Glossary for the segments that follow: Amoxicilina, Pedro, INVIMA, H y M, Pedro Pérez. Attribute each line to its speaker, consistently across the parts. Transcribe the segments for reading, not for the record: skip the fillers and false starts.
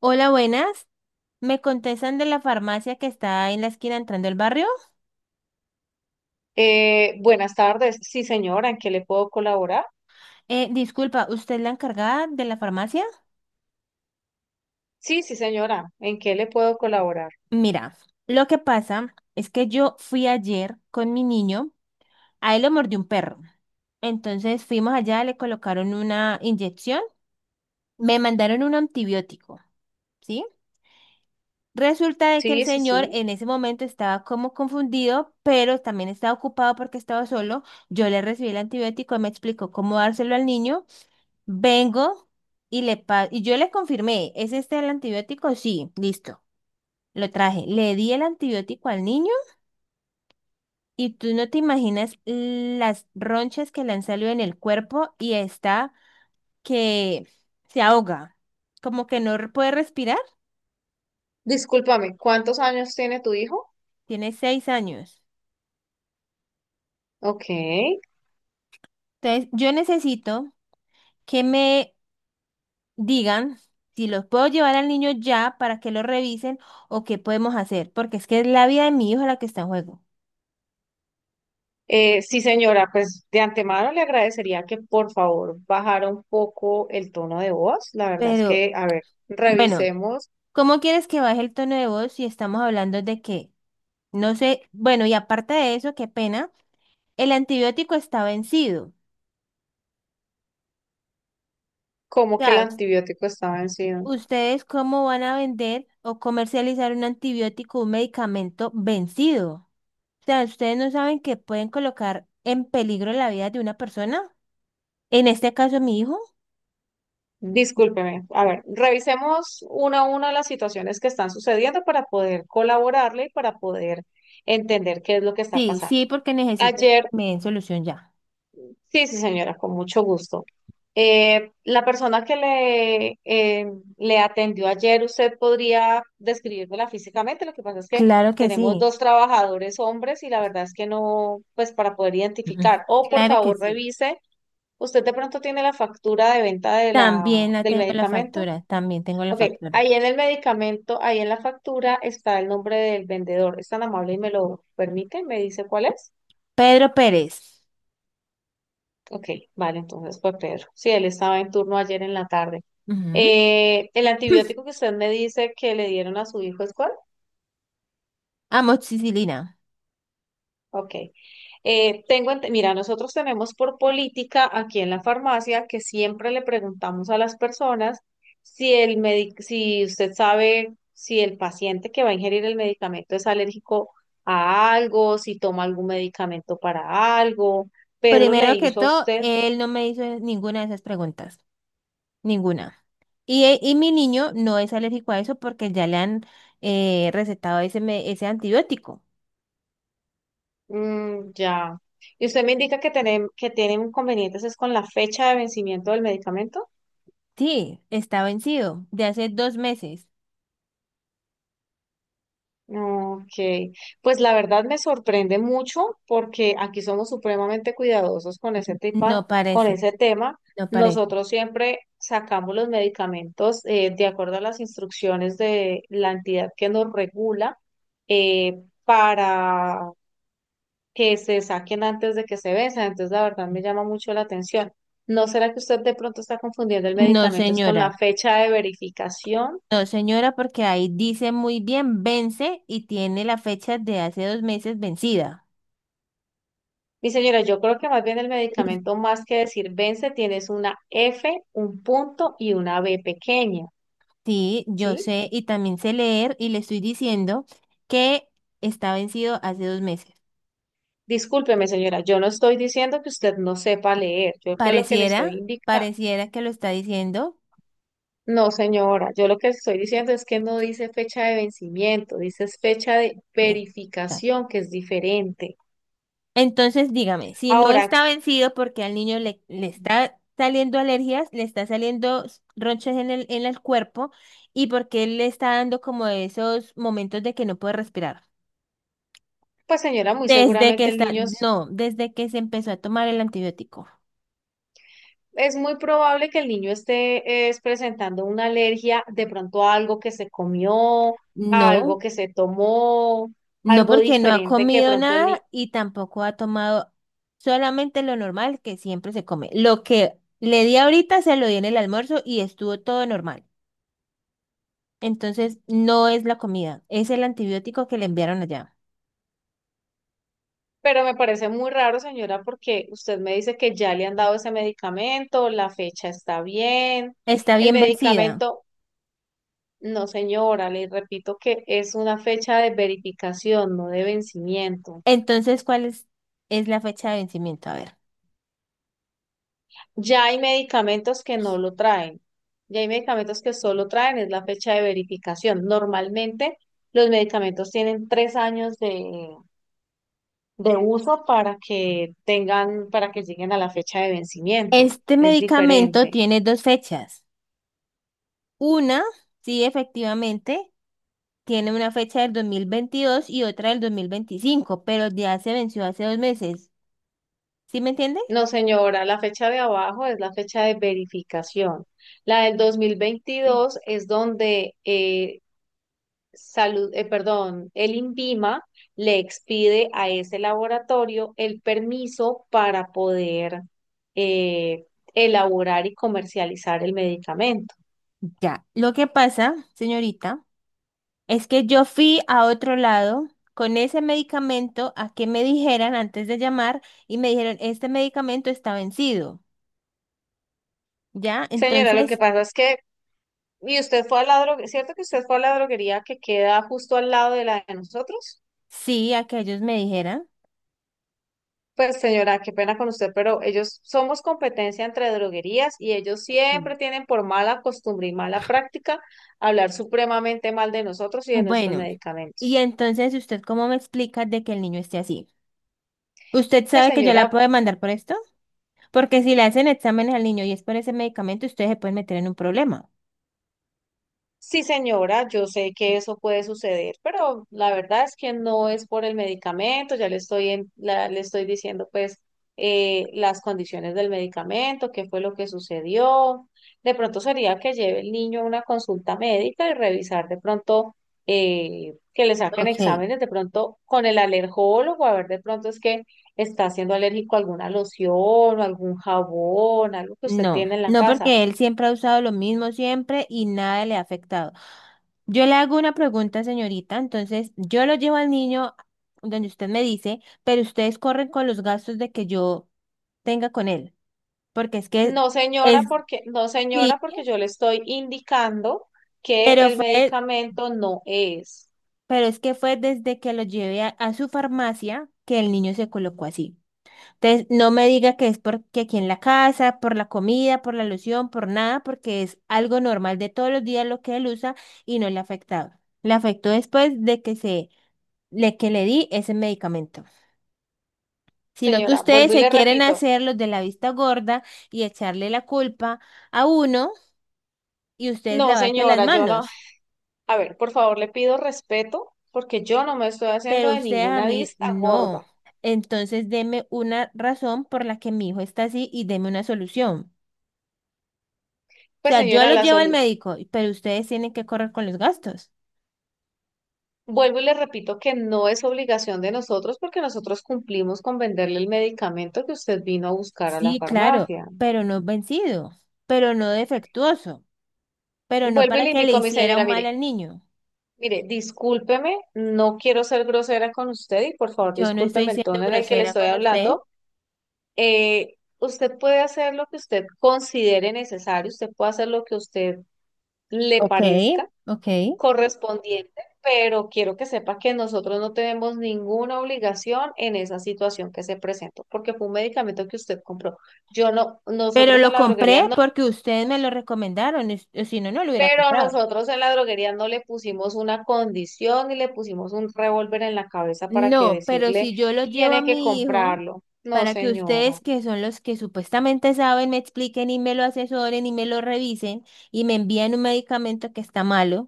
Speaker 1: Hola, buenas. ¿Me contestan de la farmacia que está en la esquina entrando al barrio?
Speaker 2: Buenas tardes. Sí, señora, ¿en qué le puedo colaborar?
Speaker 1: Disculpa, ¿usted es la encargada de la farmacia?
Speaker 2: Sí, sí, señora, ¿en qué le puedo colaborar?
Speaker 1: Mira, lo que pasa es que yo fui ayer con mi niño, a él lo mordió un perro. Entonces fuimos allá, le colocaron una inyección, me mandaron un antibiótico, ¿sí? Resulta de que el
Speaker 2: Sí, sí,
Speaker 1: señor
Speaker 2: sí.
Speaker 1: en ese momento estaba como confundido, pero también estaba ocupado porque estaba solo. Yo le recibí el antibiótico, él me explicó cómo dárselo al niño. Vengo y y yo le confirmé, ¿es este el antibiótico? Sí, listo. Lo traje. Le di el antibiótico al niño y tú no te imaginas las ronchas que le han salido en el cuerpo y está que se ahoga, como que no puede respirar.
Speaker 2: Discúlpame, ¿cuántos años tiene tu hijo?
Speaker 1: Tiene 6 años.
Speaker 2: Ok.
Speaker 1: Entonces, yo necesito que me digan si los puedo llevar al niño ya para que lo revisen o qué podemos hacer, porque es que es la vida de mi hijo la que está en juego.
Speaker 2: Sí, señora, pues de antemano le agradecería que por favor bajara un poco el tono de voz. La verdad es
Speaker 1: Pero
Speaker 2: que, a ver,
Speaker 1: bueno.
Speaker 2: revisemos
Speaker 1: ¿Cómo quieres que baje el tono de voz si estamos hablando de que, no sé, bueno, y aparte de eso, qué pena, el antibiótico está vencido. O
Speaker 2: cómo que el
Speaker 1: sea,
Speaker 2: antibiótico está vencido.
Speaker 1: ¿ustedes cómo van a vender o comercializar un antibiótico, un medicamento vencido? O sea, ¿ustedes no saben que pueden colocar en peligro la vida de una persona? En este caso, mi hijo.
Speaker 2: Discúlpeme. A ver, revisemos una a una las situaciones que están sucediendo para poder colaborarle y para poder entender qué es lo que está
Speaker 1: Sí,
Speaker 2: pasando.
Speaker 1: sí, porque necesito que
Speaker 2: Ayer,
Speaker 1: me den solución ya.
Speaker 2: sí, sí, señora, con mucho gusto. La persona que le le atendió ayer, usted podría describirla físicamente. Lo que pasa es que
Speaker 1: Claro que
Speaker 2: tenemos
Speaker 1: sí.
Speaker 2: dos trabajadores hombres y la verdad es que no, pues para poder
Speaker 1: Mm, mm.
Speaker 2: identificar. O por
Speaker 1: Claro que
Speaker 2: favor,
Speaker 1: sí.
Speaker 2: revise. ¿Usted de pronto tiene la factura de venta de
Speaker 1: También la
Speaker 2: del
Speaker 1: tengo la
Speaker 2: medicamento?
Speaker 1: factura, también tengo la
Speaker 2: Ok,
Speaker 1: factura.
Speaker 2: ahí en el medicamento, ahí en la factura está el nombre del vendedor. ¿Es tan amable y me lo permite? ¿Me dice cuál es?
Speaker 1: Pedro Pérez.
Speaker 2: Ok, vale, entonces fue Pedro. Sí, él estaba en turno ayer en la tarde.
Speaker 1: Ujú.
Speaker 2: ¿El antibiótico que usted me dice que le dieron a su hijo es cuál?
Speaker 1: Amoxicilina.
Speaker 2: Ok. Mira, nosotros tenemos por política aquí en la farmacia que siempre le preguntamos a las personas si usted sabe si el paciente que va a ingerir el medicamento es alérgico a algo, si toma algún medicamento para algo. Pedro le
Speaker 1: Primero que
Speaker 2: hizo a
Speaker 1: todo,
Speaker 2: usted,
Speaker 1: él no me hizo ninguna de esas preguntas. Ninguna. Y mi niño no es alérgico a eso porque ya le han recetado ese antibiótico.
Speaker 2: mm, ya. Y usted me indica que tienen inconvenientes es con la fecha de vencimiento del medicamento.
Speaker 1: Sí, está vencido. De hace 2 meses.
Speaker 2: Ok, pues la verdad me sorprende mucho porque aquí somos supremamente cuidadosos con ese tema,
Speaker 1: No
Speaker 2: con
Speaker 1: parece,
Speaker 2: ese tema.
Speaker 1: no parece.
Speaker 2: Nosotros siempre sacamos los medicamentos de acuerdo a las instrucciones de la entidad que nos regula eh, para que se saquen antes de que se venzan. Entonces, la verdad me llama mucho la atención. ¿No será que usted de pronto está confundiendo el
Speaker 1: No,
Speaker 2: medicamento es con
Speaker 1: señora.
Speaker 2: la fecha de verificación?
Speaker 1: No, señora, porque ahí dice muy bien, vence y tiene la fecha de hace 2 meses vencida.
Speaker 2: Mi señora, yo creo que más bien el medicamento, más que decir vence, tienes una F, un punto y una B pequeña,
Speaker 1: Sí, yo
Speaker 2: ¿sí?
Speaker 1: sé y también sé leer y le estoy diciendo que está vencido hace 2 meses.
Speaker 2: Discúlpeme, señora, yo no estoy diciendo que usted no sepa leer. Yo con lo que le estoy
Speaker 1: Pareciera,
Speaker 2: indicando.
Speaker 1: pareciera que lo está diciendo.
Speaker 2: No, señora, yo lo que estoy diciendo es que no dice fecha de vencimiento, dice es fecha de
Speaker 1: Eh, ta.
Speaker 2: verificación, que es diferente.
Speaker 1: Entonces, dígame, si no
Speaker 2: Ahora,
Speaker 1: está vencido porque al niño le está saliendo alergias, le está saliendo ronchas en el cuerpo y porque él le está dando como esos momentos de que no puede respirar.
Speaker 2: pues señora, muy
Speaker 1: Desde que
Speaker 2: seguramente el
Speaker 1: está,
Speaker 2: niño.
Speaker 1: no, desde que se empezó a tomar el antibiótico.
Speaker 2: Es muy probable que el niño esté es, presentando una alergia de pronto a algo que se comió, a algo
Speaker 1: No.
Speaker 2: que se tomó,
Speaker 1: No
Speaker 2: algo
Speaker 1: porque no ha
Speaker 2: diferente que de
Speaker 1: comido
Speaker 2: pronto el niño...
Speaker 1: nada y tampoco ha tomado solamente lo normal que siempre se come. Lo que le di ahorita se lo di en el almuerzo y estuvo todo normal. Entonces no es la comida, es el antibiótico que le enviaron allá.
Speaker 2: Pero me parece muy raro, señora, porque usted me dice que ya le han dado ese medicamento, la fecha está bien,
Speaker 1: Está
Speaker 2: el
Speaker 1: bien vencida.
Speaker 2: medicamento... No, señora, le repito que es una fecha de verificación, no de vencimiento.
Speaker 1: Entonces, ¿cuál es la fecha de vencimiento? A ver.
Speaker 2: Ya hay medicamentos que no lo traen. Ya hay medicamentos que solo traen, es la fecha de verificación. Normalmente los medicamentos tienen tres años de uso para que tengan, para que lleguen a la fecha de vencimiento.
Speaker 1: Este
Speaker 2: Es
Speaker 1: medicamento
Speaker 2: diferente.
Speaker 1: tiene dos fechas. Una, sí, efectivamente, tiene una fecha del 2022 y otra del 2025, pero ya se venció hace 2 meses. ¿Sí me entiende?
Speaker 2: No, señora, la fecha de abajo es la fecha de verificación. La del 2022 es donde Salud, perdón, el INVIMA le expide a ese laboratorio el permiso para poder eh, elaborar y comercializar el medicamento.
Speaker 1: Ya, lo que pasa, señorita, es que yo fui a otro lado con ese medicamento a que me dijeran antes de llamar y me dijeron, este medicamento está vencido, ¿ya?
Speaker 2: Señora, lo que
Speaker 1: Entonces,
Speaker 2: pasa es que, y usted fue a la droguería, ¿cierto que usted fue a la droguería que queda justo al lado de la de nosotros?
Speaker 1: sí, a que ellos me dijeran.
Speaker 2: Pues señora, qué pena con usted, pero ellos somos competencia entre droguerías y ellos
Speaker 1: Sí.
Speaker 2: siempre tienen por mala costumbre y mala práctica hablar supremamente mal de nosotros y de nuestros
Speaker 1: Bueno, y
Speaker 2: medicamentos.
Speaker 1: entonces, ¿usted cómo me explica de que el niño esté así? ¿Usted
Speaker 2: Pues
Speaker 1: sabe que yo
Speaker 2: señora,
Speaker 1: la puedo demandar por esto? Porque si le hacen exámenes al niño y es por ese medicamento, ustedes se pueden meter en un problema.
Speaker 2: sí señora, yo sé que eso puede suceder, pero la verdad es que no es por el medicamento, ya le estoy le estoy diciendo pues las condiciones del medicamento, qué fue lo que sucedió. De pronto sería que lleve el niño a una consulta médica y revisar de pronto que le saquen
Speaker 1: Ok.
Speaker 2: exámenes de pronto con el alergólogo, a ver de pronto es que está siendo alérgico a alguna loción o algún jabón, algo que usted
Speaker 1: No,
Speaker 2: tiene en la
Speaker 1: no
Speaker 2: casa.
Speaker 1: porque él siempre ha usado lo mismo siempre y nada le ha afectado. Yo le hago una pregunta, señorita, entonces yo lo llevo al niño donde usted me dice, pero ustedes corren con los gastos de que yo tenga con él, porque es que
Speaker 2: No, señora,
Speaker 1: es,
Speaker 2: porque no, señora,
Speaker 1: sí,
Speaker 2: porque yo le estoy indicando que
Speaker 1: pero
Speaker 2: el
Speaker 1: fue,
Speaker 2: medicamento no es.
Speaker 1: pero es que fue desde que lo llevé a su farmacia que el niño se colocó así. Entonces, no me diga que es porque aquí en la casa, por la comida, por la alusión, por nada, porque es algo normal de todos los días lo que él usa y no le ha afectado. Le afectó después de le que le di ese medicamento. Sino que
Speaker 2: Señora,
Speaker 1: ustedes
Speaker 2: vuelvo y
Speaker 1: se
Speaker 2: le
Speaker 1: quieren
Speaker 2: repito.
Speaker 1: hacer los de la vista gorda y echarle la culpa a uno y ustedes
Speaker 2: No,
Speaker 1: lavarse las
Speaker 2: señora, yo no.
Speaker 1: manos.
Speaker 2: A ver, por favor, le pido respeto porque yo no me estoy haciendo
Speaker 1: Pero
Speaker 2: de
Speaker 1: ustedes a
Speaker 2: ninguna
Speaker 1: mí
Speaker 2: vista
Speaker 1: no.
Speaker 2: gorda.
Speaker 1: Entonces, deme una razón por la que mi hijo está así y deme una solución. O
Speaker 2: Pues,
Speaker 1: sea, yo
Speaker 2: señora,
Speaker 1: los
Speaker 2: la
Speaker 1: llevo al
Speaker 2: salud.
Speaker 1: médico, pero ustedes tienen que correr con los gastos.
Speaker 2: Vuelvo y le repito que no es obligación de nosotros porque nosotros cumplimos con venderle el medicamento que usted vino a buscar a la
Speaker 1: Sí, claro,
Speaker 2: farmacia.
Speaker 1: pero no vencido, pero no defectuoso, pero no
Speaker 2: Vuelvo y
Speaker 1: para
Speaker 2: le
Speaker 1: que le
Speaker 2: indico a mi
Speaker 1: hiciera
Speaker 2: señora,
Speaker 1: un mal
Speaker 2: mire,
Speaker 1: al niño.
Speaker 2: mire, discúlpeme, no quiero ser grosera con usted y por favor
Speaker 1: Yo no estoy
Speaker 2: discúlpeme el
Speaker 1: siendo
Speaker 2: tono en el que le
Speaker 1: grosera
Speaker 2: estoy
Speaker 1: con usted.
Speaker 2: hablando. Usted puede hacer lo que usted considere necesario, usted puede hacer lo que usted le
Speaker 1: Ok,
Speaker 2: parezca
Speaker 1: ok.
Speaker 2: correspondiente, pero quiero que sepa que nosotros no tenemos ninguna obligación en esa situación que se presentó, porque fue un medicamento que usted compró. Yo no,
Speaker 1: Pero
Speaker 2: nosotros en
Speaker 1: lo
Speaker 2: la droguería
Speaker 1: compré
Speaker 2: no.
Speaker 1: porque ustedes me lo recomendaron, o si no, no lo hubiera
Speaker 2: Pero
Speaker 1: comprado.
Speaker 2: nosotros en la droguería no le pusimos una condición y le pusimos un revólver en la cabeza para que
Speaker 1: No, pero
Speaker 2: decirle,
Speaker 1: si yo lo llevo a
Speaker 2: tiene que
Speaker 1: mi hijo
Speaker 2: comprarlo. No,
Speaker 1: para que ustedes,
Speaker 2: señora.
Speaker 1: que son los que supuestamente saben, me expliquen y me lo asesoren y me lo revisen y me envían un medicamento que está malo.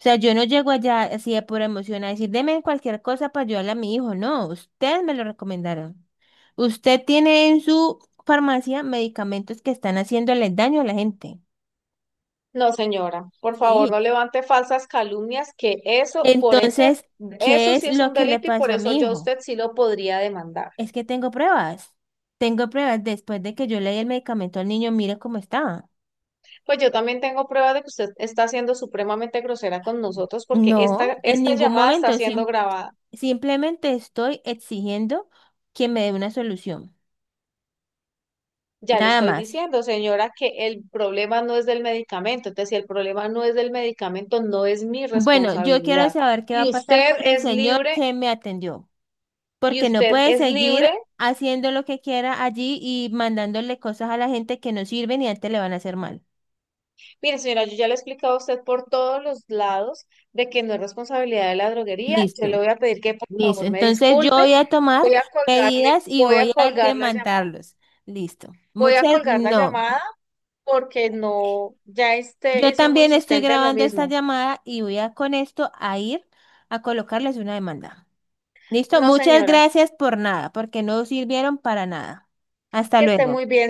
Speaker 1: O sea, yo no llego allá así de pura emoción a decir, deme cualquier cosa para ayudarle a mi hijo. No, ustedes me lo recomendaron. Usted tiene en su farmacia medicamentos que están haciéndole daño a la gente.
Speaker 2: No, señora. Por favor, no
Speaker 1: Sí.
Speaker 2: levante falsas calumnias, que eso, por ese,
Speaker 1: Entonces,
Speaker 2: eso
Speaker 1: ¿qué es
Speaker 2: sí es
Speaker 1: lo
Speaker 2: un
Speaker 1: que le
Speaker 2: delito y por
Speaker 1: pasó a
Speaker 2: eso
Speaker 1: mi
Speaker 2: yo a
Speaker 1: hijo?
Speaker 2: usted sí lo podría demandar.
Speaker 1: Es que tengo pruebas. Tengo pruebas después de que yo le di el medicamento al niño, mire cómo está.
Speaker 2: Pues yo también tengo pruebas de que usted está siendo supremamente grosera con nosotros porque
Speaker 1: No,
Speaker 2: esta,
Speaker 1: en
Speaker 2: esta
Speaker 1: ningún
Speaker 2: llamada está
Speaker 1: momento,
Speaker 2: siendo grabada.
Speaker 1: simplemente estoy exigiendo que me dé una solución.
Speaker 2: Ya le
Speaker 1: Nada
Speaker 2: estoy
Speaker 1: más.
Speaker 2: diciendo, señora, que el problema no es del medicamento. Entonces, si el problema no es del medicamento, no es mi
Speaker 1: Bueno, yo quiero
Speaker 2: responsabilidad.
Speaker 1: saber qué va
Speaker 2: Y
Speaker 1: a pasar con
Speaker 2: usted
Speaker 1: el
Speaker 2: es
Speaker 1: señor
Speaker 2: libre,
Speaker 1: que me atendió,
Speaker 2: y
Speaker 1: porque no
Speaker 2: usted
Speaker 1: puede
Speaker 2: es libre.
Speaker 1: seguir haciendo lo que quiera allí y mandándole cosas a la gente que no sirven y antes le van a hacer mal.
Speaker 2: Mire, señora, yo ya le he explicado a usted por todos los lados de que no es responsabilidad de la droguería. Yo
Speaker 1: Listo,
Speaker 2: le voy a pedir que por
Speaker 1: listo.
Speaker 2: favor me
Speaker 1: Entonces yo
Speaker 2: disculpe.
Speaker 1: voy a tomar
Speaker 2: Voy a colgarle,
Speaker 1: medidas y
Speaker 2: voy a
Speaker 1: voy a
Speaker 2: colgar la llamada.
Speaker 1: demandarlos. Listo.
Speaker 2: Voy a
Speaker 1: Muchas,
Speaker 2: colgar la
Speaker 1: no.
Speaker 2: llamada porque no, ya este,
Speaker 1: Yo
Speaker 2: he sido muy
Speaker 1: también estoy
Speaker 2: insistente en lo
Speaker 1: grabando esta
Speaker 2: mismo.
Speaker 1: llamada y voy a con esto a ir a colocarles una demanda. Listo.
Speaker 2: No,
Speaker 1: Muchas
Speaker 2: señora,
Speaker 1: gracias por nada, porque no sirvieron para nada. Hasta
Speaker 2: que esté
Speaker 1: luego.
Speaker 2: muy bien.